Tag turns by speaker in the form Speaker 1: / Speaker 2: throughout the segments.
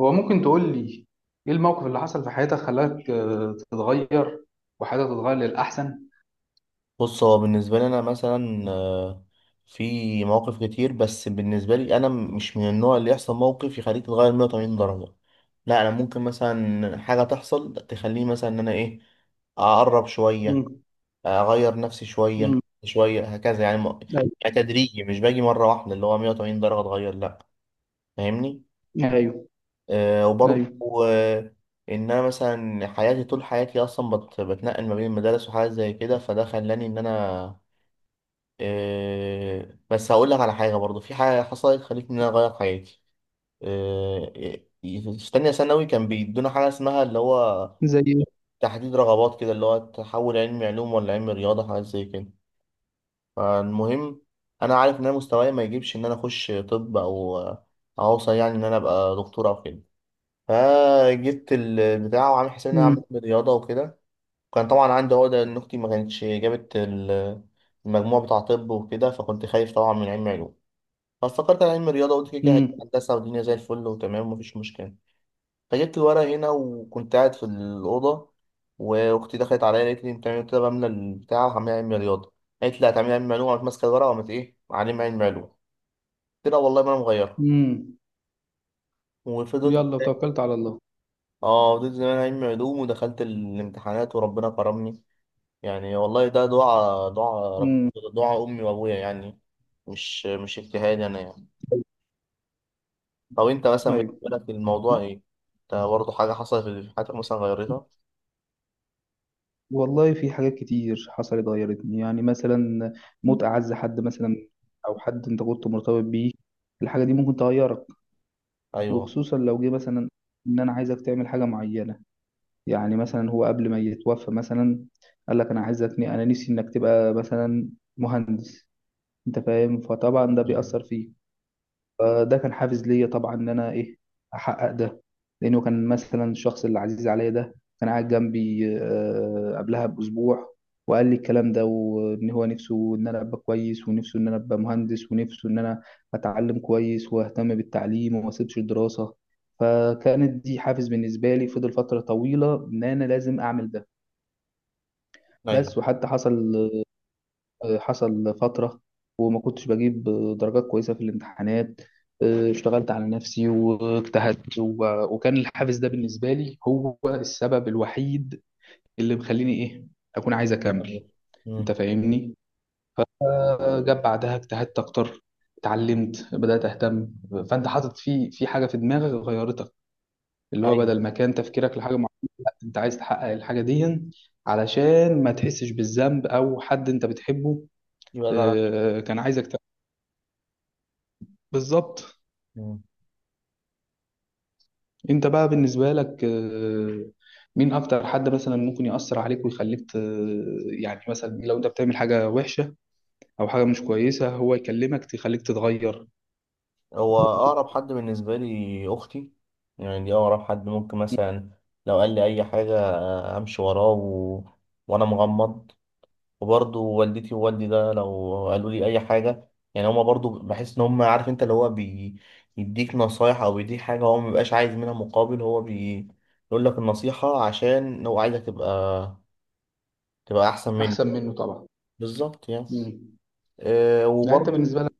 Speaker 1: هو ممكن تقول لي ايه الموقف اللي حصل في حياتك خلاك تتغير وحياتك تتغير للأحسن؟
Speaker 2: بص، هو بالنسبة لي أنا مثلا في مواقف كتير. بس بالنسبة لي أنا مش من النوع اللي يحصل موقف يخليك تتغير 180 درجة. لا، أنا ممكن مثلا حاجة تحصل تخليني مثلا إن أنا إيه، أقرب شوية،
Speaker 1: مم.
Speaker 2: أغير نفسي شوية
Speaker 1: مم.
Speaker 2: شوية هكذا يعني.
Speaker 1: ايوه،
Speaker 2: يعني تدريجي، مش باجي مرة واحدة اللي هو 180 درجة أتغير. لأ، فاهمني؟
Speaker 1: ايوه،
Speaker 2: أه. وبرضه
Speaker 1: ايوه.
Speaker 2: آه، إن أنا مثلا حياتي طول حياتي أصلا بتنقل ما بين المدارس وحاجات زي كده، فده خلاني إن أنا بس هقول لك على حاجة. برضو في حاجة حصلت خلتني إن أنا أغير حياتي. في تانية ثانوي كان بيدونا حاجة اسمها اللي هو
Speaker 1: زي ايه؟
Speaker 2: تحديد رغبات كده، اللي هو تحول علم علوم ولا علم رياضة، حاجات زي كده. فالمهم، أنا عارف إن أنا مستواي ما يجيبش إن أنا أخش طب، أو أوصل يعني إن أنا أبقى دكتور أو كده. فجبت البتاع وعامل حسابي إن أنا
Speaker 1: مم.
Speaker 2: أعمل رياضة وكده. كان طبعا عندي عقدة إن أختي ما كانتش جابت المجموع بتاع طب وكده، فكنت خايف طبعا من علم علوم. فافتكرت انا علم رياضه، قلت كده كده هيبقى
Speaker 1: مم.
Speaker 2: هندسه، والدنيا زي الفل وتمام ومفيش مشكله. فجبت الورق هنا وكنت قاعد في الاوضه، واختي دخلت عليا قالت لي انت إيه؟ قلت لها بملى البتاع وهعمل علم رياضه. قالت لي هتعملي علم علوم. قامت ماسكه الورقه وقامت ايه، علم علوم. قلت لها والله ما انا مغيرها.
Speaker 1: مم.
Speaker 2: وفضلت.
Speaker 1: يلا وتوكلت على الله.
Speaker 2: اه، فضلت زمان علم علوم، ودخلت الامتحانات وربنا كرمني. يعني والله، ده دعاء رب،
Speaker 1: مم.
Speaker 2: دعاء امي وابويا يعني، مش اجتهاد انا يعني. طب انت مثلا
Speaker 1: ايوه.
Speaker 2: بالنسبه لك الموضوع ايه؟ انت برضه حاجه حصلت في حياتك مثلا غيرتها؟
Speaker 1: والله في حاجات كتير حصلت غيرتني، يعني مثلا موت اعز حد مثلا، او حد انت كنت مرتبط بيه. الحاجه دي ممكن تغيرك،
Speaker 2: ايوه.
Speaker 1: وخصوصا لو جه مثلا ان انا عايزك تعمل حاجه معينه. يعني مثلا هو قبل ما يتوفى مثلا قال لك انا عايزك، انا نفسي انك تبقى مثلا مهندس. انت فاهم؟ فطبعا ده
Speaker 2: مم.
Speaker 1: بيأثر فيك. فده كان حافز ليا طبعا ان انا ايه احقق ده. لانه كان مثلا الشخص اللي عزيز عليا ده كان قاعد جنبي قبلها باسبوع. وقال لي الكلام ده، وان هو نفسه ان انا ابقى كويس، ونفسه ان انا ابقى مهندس، ونفسه ان انا اتعلم كويس واهتم بالتعليم وما اسيبش الدراسة. فكانت دي حافز بالنسبة لي، فضل فترة طويلة ان انا لازم اعمل ده.
Speaker 2: ايوه.
Speaker 1: بس وحتى حصل حصل فترة، وما كنتش بجيب درجات كويسة في الامتحانات. اشتغلت على نفسي واجتهدت وكان الحافز ده بالنسبة لي هو السبب الوحيد اللي مخليني ايه اكون عايز
Speaker 2: تمام.
Speaker 1: اكمل. انت
Speaker 2: مم.
Speaker 1: فاهمني؟ جاب بعدها اجتهدت اكتر، اتعلمت، بدأت اهتم. فانت حاطط في حاجة في دماغك غيرتك، اللي هو بدل
Speaker 2: ايوه،
Speaker 1: ما كان تفكيرك لحاجة معينة. لا، انت عايز تحقق الحاجة دي علشان ما تحسش بالذنب، او حد انت بتحبه
Speaker 2: يبقى زعلان مني.
Speaker 1: كان عايزك. بالظبط.
Speaker 2: مم.
Speaker 1: انت بقى بالنسبة لك مين اكتر حد مثلا ممكن يأثر عليك ويخليك يعني مثلا لو انت بتعمل حاجة وحشة او حاجة مش كويسة هو يكلمك تخليك تتغير.
Speaker 2: هو اقرب حد بالنسبه لي اختي. يعني دي اقرب حد، ممكن مثلا لو قال لي اي حاجه امشي وراه و... وانا مغمض. وبرضه والدتي ووالدي، ده لو قالوا لي اي حاجه يعني. هما برضه، بحس ان هما عارف انت، اللي هو بيديك نصايح او بيديك حاجه هو مبيبقاش عايز منها مقابل، هو بيقول لك النصيحه عشان هو عايزك تبقى، تبقى احسن منه.
Speaker 1: احسن منه طبعا.
Speaker 2: بالظبط يعني.
Speaker 1: مم.
Speaker 2: أه.
Speaker 1: يعني انت
Speaker 2: وبرضه
Speaker 1: بالنسبة لك،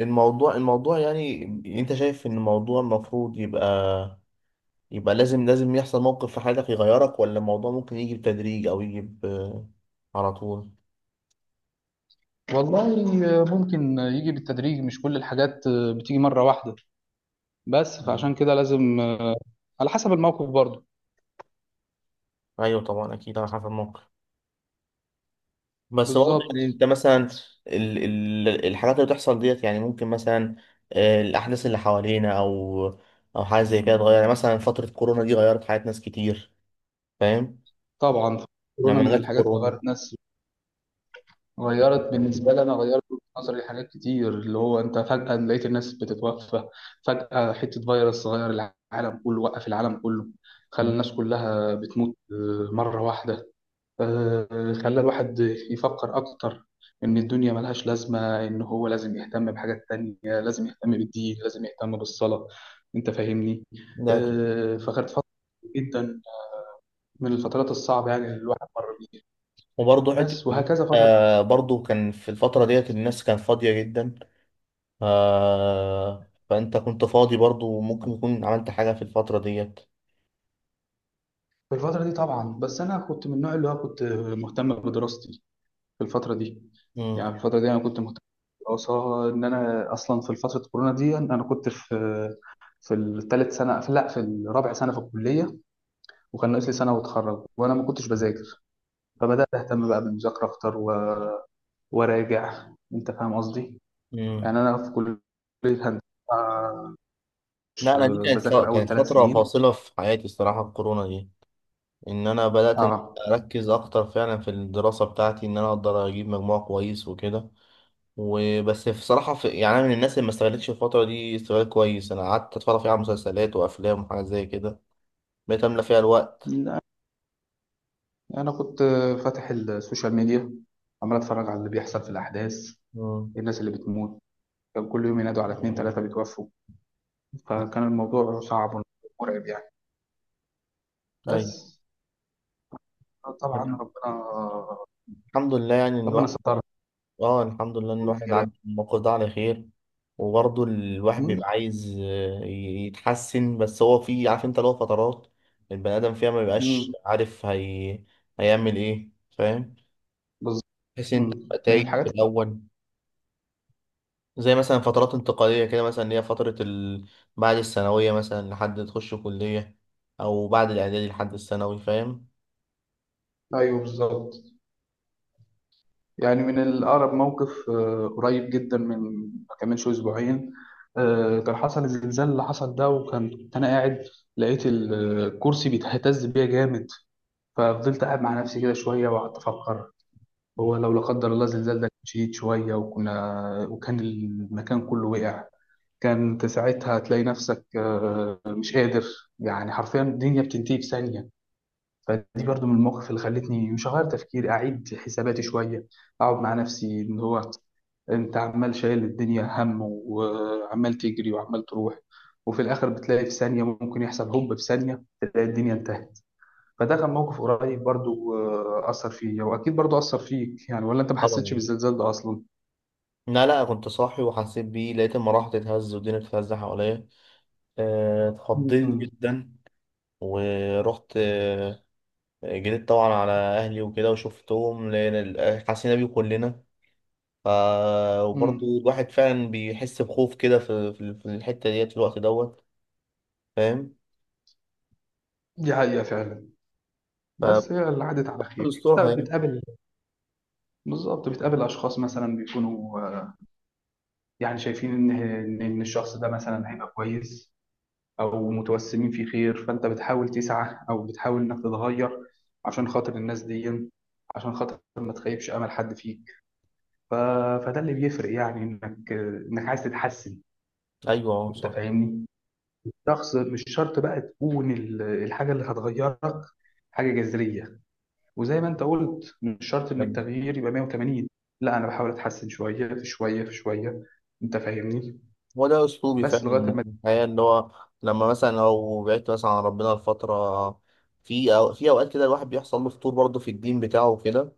Speaker 2: الموضوع، الموضوع يعني، انت شايف ان الموضوع المفروض يبقى، يبقى لازم يحصل موقف في حياتك يغيرك؟ ولا الموضوع ممكن يجي بتدريج او يجي على طول؟
Speaker 1: والله ممكن يجي بالتدريج، مش كل الحاجات بتيجي مرة واحدة. بس
Speaker 2: مم.
Speaker 1: فعشان كده لازم على حسب الموقف برضه.
Speaker 2: ايوه، طبعا اكيد على حسب الموقف. بس برضه يعني
Speaker 1: بالظبط
Speaker 2: انت مثلا ال ال الحاجات اللي بتحصل ديت يعني، ممكن مثلا الاحداث اللي حوالينا او حاجه زي كده تغير. يعني مثلا فتره كورونا دي غيرت حياه ناس كتير. فاهم؟
Speaker 1: طبعا. كورونا من
Speaker 2: لما جت
Speaker 1: الحاجات اللي
Speaker 2: كورونا،
Speaker 1: غيرت ناس. غيرت بالنسبة لي أنا، غيرت وجهة نظري لحاجات كتير، اللي هو أنت فجأة لقيت الناس بتتوفى، فجأة حتة فيروس غير العالم كله، وقف العالم كله، خلى الناس كلها بتموت مرة واحدة. خلى الواحد يفكر أكتر إن الدنيا ملهاش لازمة، إن هو لازم يهتم بحاجات تانية، لازم يهتم بالدين، لازم يهتم بالصلاة. أنت فاهمني؟
Speaker 2: ده أكيد.
Speaker 1: فكانت فترة جدا من الفترات الصعبة يعني اللي الواحد مر بيها.
Speaker 2: وبرضه حته،
Speaker 1: بس وهكذا فترة.
Speaker 2: آه برضه كان في الفتره ديت الناس كانت فاضيه جدا. آه، فانت كنت فاضي برضه، وممكن يكون عملت حاجه في الفتره ديت.
Speaker 1: في الفترة دي طبعا، بس أنا كنت من النوع اللي هو كنت مهتم بدراستي في الفترة دي.
Speaker 2: مم.
Speaker 1: يعني في الفترة دي أنا كنت مهتم بالدراسة، إن أنا أصلا في فترة كورونا دي أنا كنت في الثالث سنة، في، لا، في الرابع سنة في الكلية. وكان ناقص لي سنة وأتخرج، وأنا ما كنتش بذاكر. فبدأت أهتم بقى بالمذاكرة أكتر وأراجع. أنت فاهم قصدي؟
Speaker 2: مم.
Speaker 1: يعني أنا في كلية هندسة، آه،
Speaker 2: لا،
Speaker 1: مش
Speaker 2: انا دي كانت ف...
Speaker 1: بذاكر أول
Speaker 2: كانت
Speaker 1: ثلاث
Speaker 2: فتره
Speaker 1: سنين.
Speaker 2: فاصله في حياتي الصراحه الكورونا دي. ان انا بدات ان
Speaker 1: أه
Speaker 2: اركز اكتر فعلا في الدراسه بتاعتي، ان انا اقدر اجيب مجموع كويس وكده. وبس في صراحه، في يعني انا من الناس اللي ما استغلتش الفتره دي استغلال كويس. انا قعدت اتفرج فيها على مسلسلات وافلام وحاجات زي كده، بقيت املى فيها الوقت.
Speaker 1: أنا كنت فاتح السوشيال ميديا، عمال أتفرج على اللي بيحصل في الأحداث،
Speaker 2: مم.
Speaker 1: الناس اللي بتموت. كان كل يوم ينادوا على اتنين تلاتة بيتوفوا. فكان الموضوع صعب ومرعب يعني.
Speaker 2: ايوه.
Speaker 1: بس طبعا ربنا،
Speaker 2: الحمد لله يعني إن
Speaker 1: ربنا
Speaker 2: الواحد،
Speaker 1: سترها.
Speaker 2: اه الحمد لله ان الواحد
Speaker 1: والدنيا بقت.
Speaker 2: عدى الموقف ده على خير. وبرضه الواحد
Speaker 1: مم.
Speaker 2: بيبقى عايز يتحسن. بس هو في، عارف انت له فترات، البني ادم فيها ما بيبقاش
Speaker 1: مم.
Speaker 2: عارف هي... هيعمل ايه. فاهم؟
Speaker 1: بالظبط.
Speaker 2: بحيث انت
Speaker 1: مم.
Speaker 2: تبقى
Speaker 1: من
Speaker 2: تايه في
Speaker 1: الحاجات.
Speaker 2: الاول. زي مثلا فترات انتقاليه كده مثلا، اللي هي فتره ال... بعد الثانويه مثلا لحد ما تخش كليه، او بعد الاعدادي لحد الثانوي. فاهم؟
Speaker 1: أيوه بالظبط. يعني من الأقرب موقف قريب جدا، من ما كملش أسبوعين. كان حصل الزلزال اللي حصل ده، وكنت أنا قاعد لقيت الكرسي بيتهتز بيا جامد. ففضلت قاعد مع نفسي كده شوية وقعدت أفكر. هو لو لا قدر الله الزلزال ده كان شديد شوية، وكان المكان كله وقع. كان انت ساعتها هتلاقي نفسك مش قادر. يعني حرفيا الدنيا بتنتهي في ثانية. فدي برضو من المواقف اللي خلتني، مش هغير تفكيري، أعيد حساباتي شوية، أقعد مع نفسي إن هو انت عمال شايل الدنيا هم، وعمال تجري، وعمال تروح. وفي الاخر بتلاقي في ثانيه ممكن يحصل، هوب في ثانيه تلاقي الدنيا انتهت. فده كان موقف قريب برضو، أثر فيا. وأكيد برضو أثر فيك يعني، ولا أنت ما حسيتش
Speaker 2: طبعا.
Speaker 1: بالزلزال ده أصلا؟
Speaker 2: لا لا، كنت صاحي وحسيت بيه. لقيت المراحل تتهز والدنيا بتتهز حواليا. اتخضيت
Speaker 1: امم
Speaker 2: جدا. ورحت جريت طبعا على اهلي وكده وشفتهم، لان حسينا بيه كلنا. ف... وبرضه
Speaker 1: امم.
Speaker 2: الواحد فعلا بيحس بخوف كده، في الحته ديت في الوقت دوت. فاهم؟
Speaker 1: دي حقيقة فعلا. بس هي اللي عدت على خير.
Speaker 2: الأسلوب
Speaker 1: انت
Speaker 2: هي
Speaker 1: بتقابل بالظبط بتقابل اشخاص مثلا بيكونوا يعني شايفين ان ان إن الشخص ده مثلا هيبقى كويس، او متوسمين في خير. فانت بتحاول تسعى او بتحاول انك تتغير عشان خاطر الناس دي، عشان خاطر ما تخيبش امل حد فيك. ف... فده اللي بيفرق، يعني انك عايز تتحسن.
Speaker 2: أيوه. أه،
Speaker 1: انت
Speaker 2: صح.
Speaker 1: فاهمني؟ شخص، مش شرط بقى تكون الحاجة اللي هتغيرك حاجة جذرية. وزي ما انت قلت مش شرط ان
Speaker 2: أيوه،
Speaker 1: التغيير يبقى 180. لا، انا بحاول اتحسن شوية في شوية في شوية. انت فاهمني؟
Speaker 2: هو ده أسلوبي
Speaker 1: بس لغاية
Speaker 2: فعلا
Speaker 1: ما.
Speaker 2: في الحياة. إن هو لما مثلا لو بعدت مثلا عن ربنا لفترة، في أو في أوقات كده الواحد بيحصل له فتور برضه في الدين بتاعه وكده.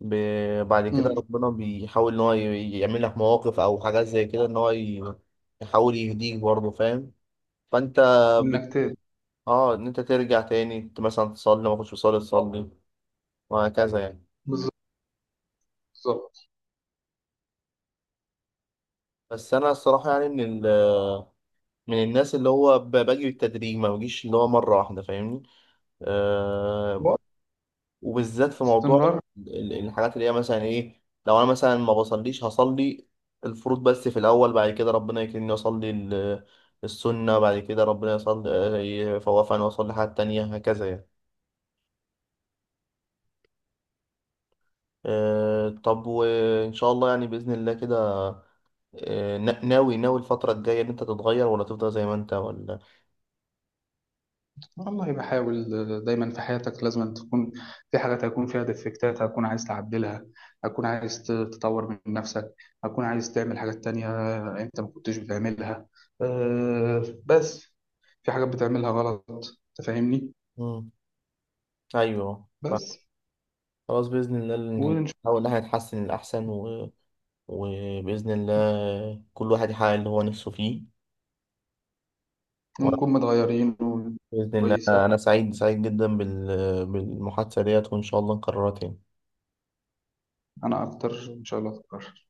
Speaker 2: بعد كده
Speaker 1: مم.
Speaker 2: ربنا بيحاول إن هو يعمل لك مواقف أو حاجات زي كده إن هو يحاول يهديك برضه. فاهم؟ فأنت بت...
Speaker 1: انك ت-
Speaker 2: أه، إن أنت ترجع تاني مثلا تصلي. ما كنتش بتصلي، تصلي. وهكذا يعني.
Speaker 1: بالظبط. بالظبط.
Speaker 2: بس أنا الصراحة يعني من ال، من الناس اللي هو باجي بالتدريج، ما بجيش اللي هو مرة واحدة. فاهمني؟ أه.
Speaker 1: وقت.
Speaker 2: وبالذات في موضوع
Speaker 1: استمرار.
Speaker 2: الحاجات اللي هي مثلا ايه، لو انا مثلا ما بصليش هصلي الفروض بس في الاول. بعد كده ربنا يكرمني اصلي السنة. بعد كده ربنا يصلي يفوقني واصلي حاجات تانية، هكذا يعني. أه. طب وان شاء الله يعني باذن الله كده، ناوي، ناوي الفترة الجاية ان انت تتغير؟ ولا تفضل زي ما انت؟ ولا؟
Speaker 1: والله بحاول. دايما في حياتك لازم تكون في حاجات هيكون فيها ديفكتات، هتكون عايز تعدلها، هتكون عايز تطور من نفسك، هتكون عايز تعمل حاجات تانية انت ما كنتش بتعملها. بس في حاجات بتعملها غلط. تفهمني؟
Speaker 2: مم. ايوه.
Speaker 1: بس.
Speaker 2: خلاص، بإذن الله
Speaker 1: ونش-
Speaker 2: نحاول إن احنا نتحسن للأحسن و... وبإذن الله كل واحد يحقق اللي هو نفسه فيه. وأنا
Speaker 1: ونكون متغيرين
Speaker 2: بإذن الله،
Speaker 1: وكويسة.
Speaker 2: أنا سعيد سعيد جدا بال... بالمحادثة ديت، وإن شاء الله نكررها تاني.
Speaker 1: أنا أكتر. إن شاء الله أتكرر.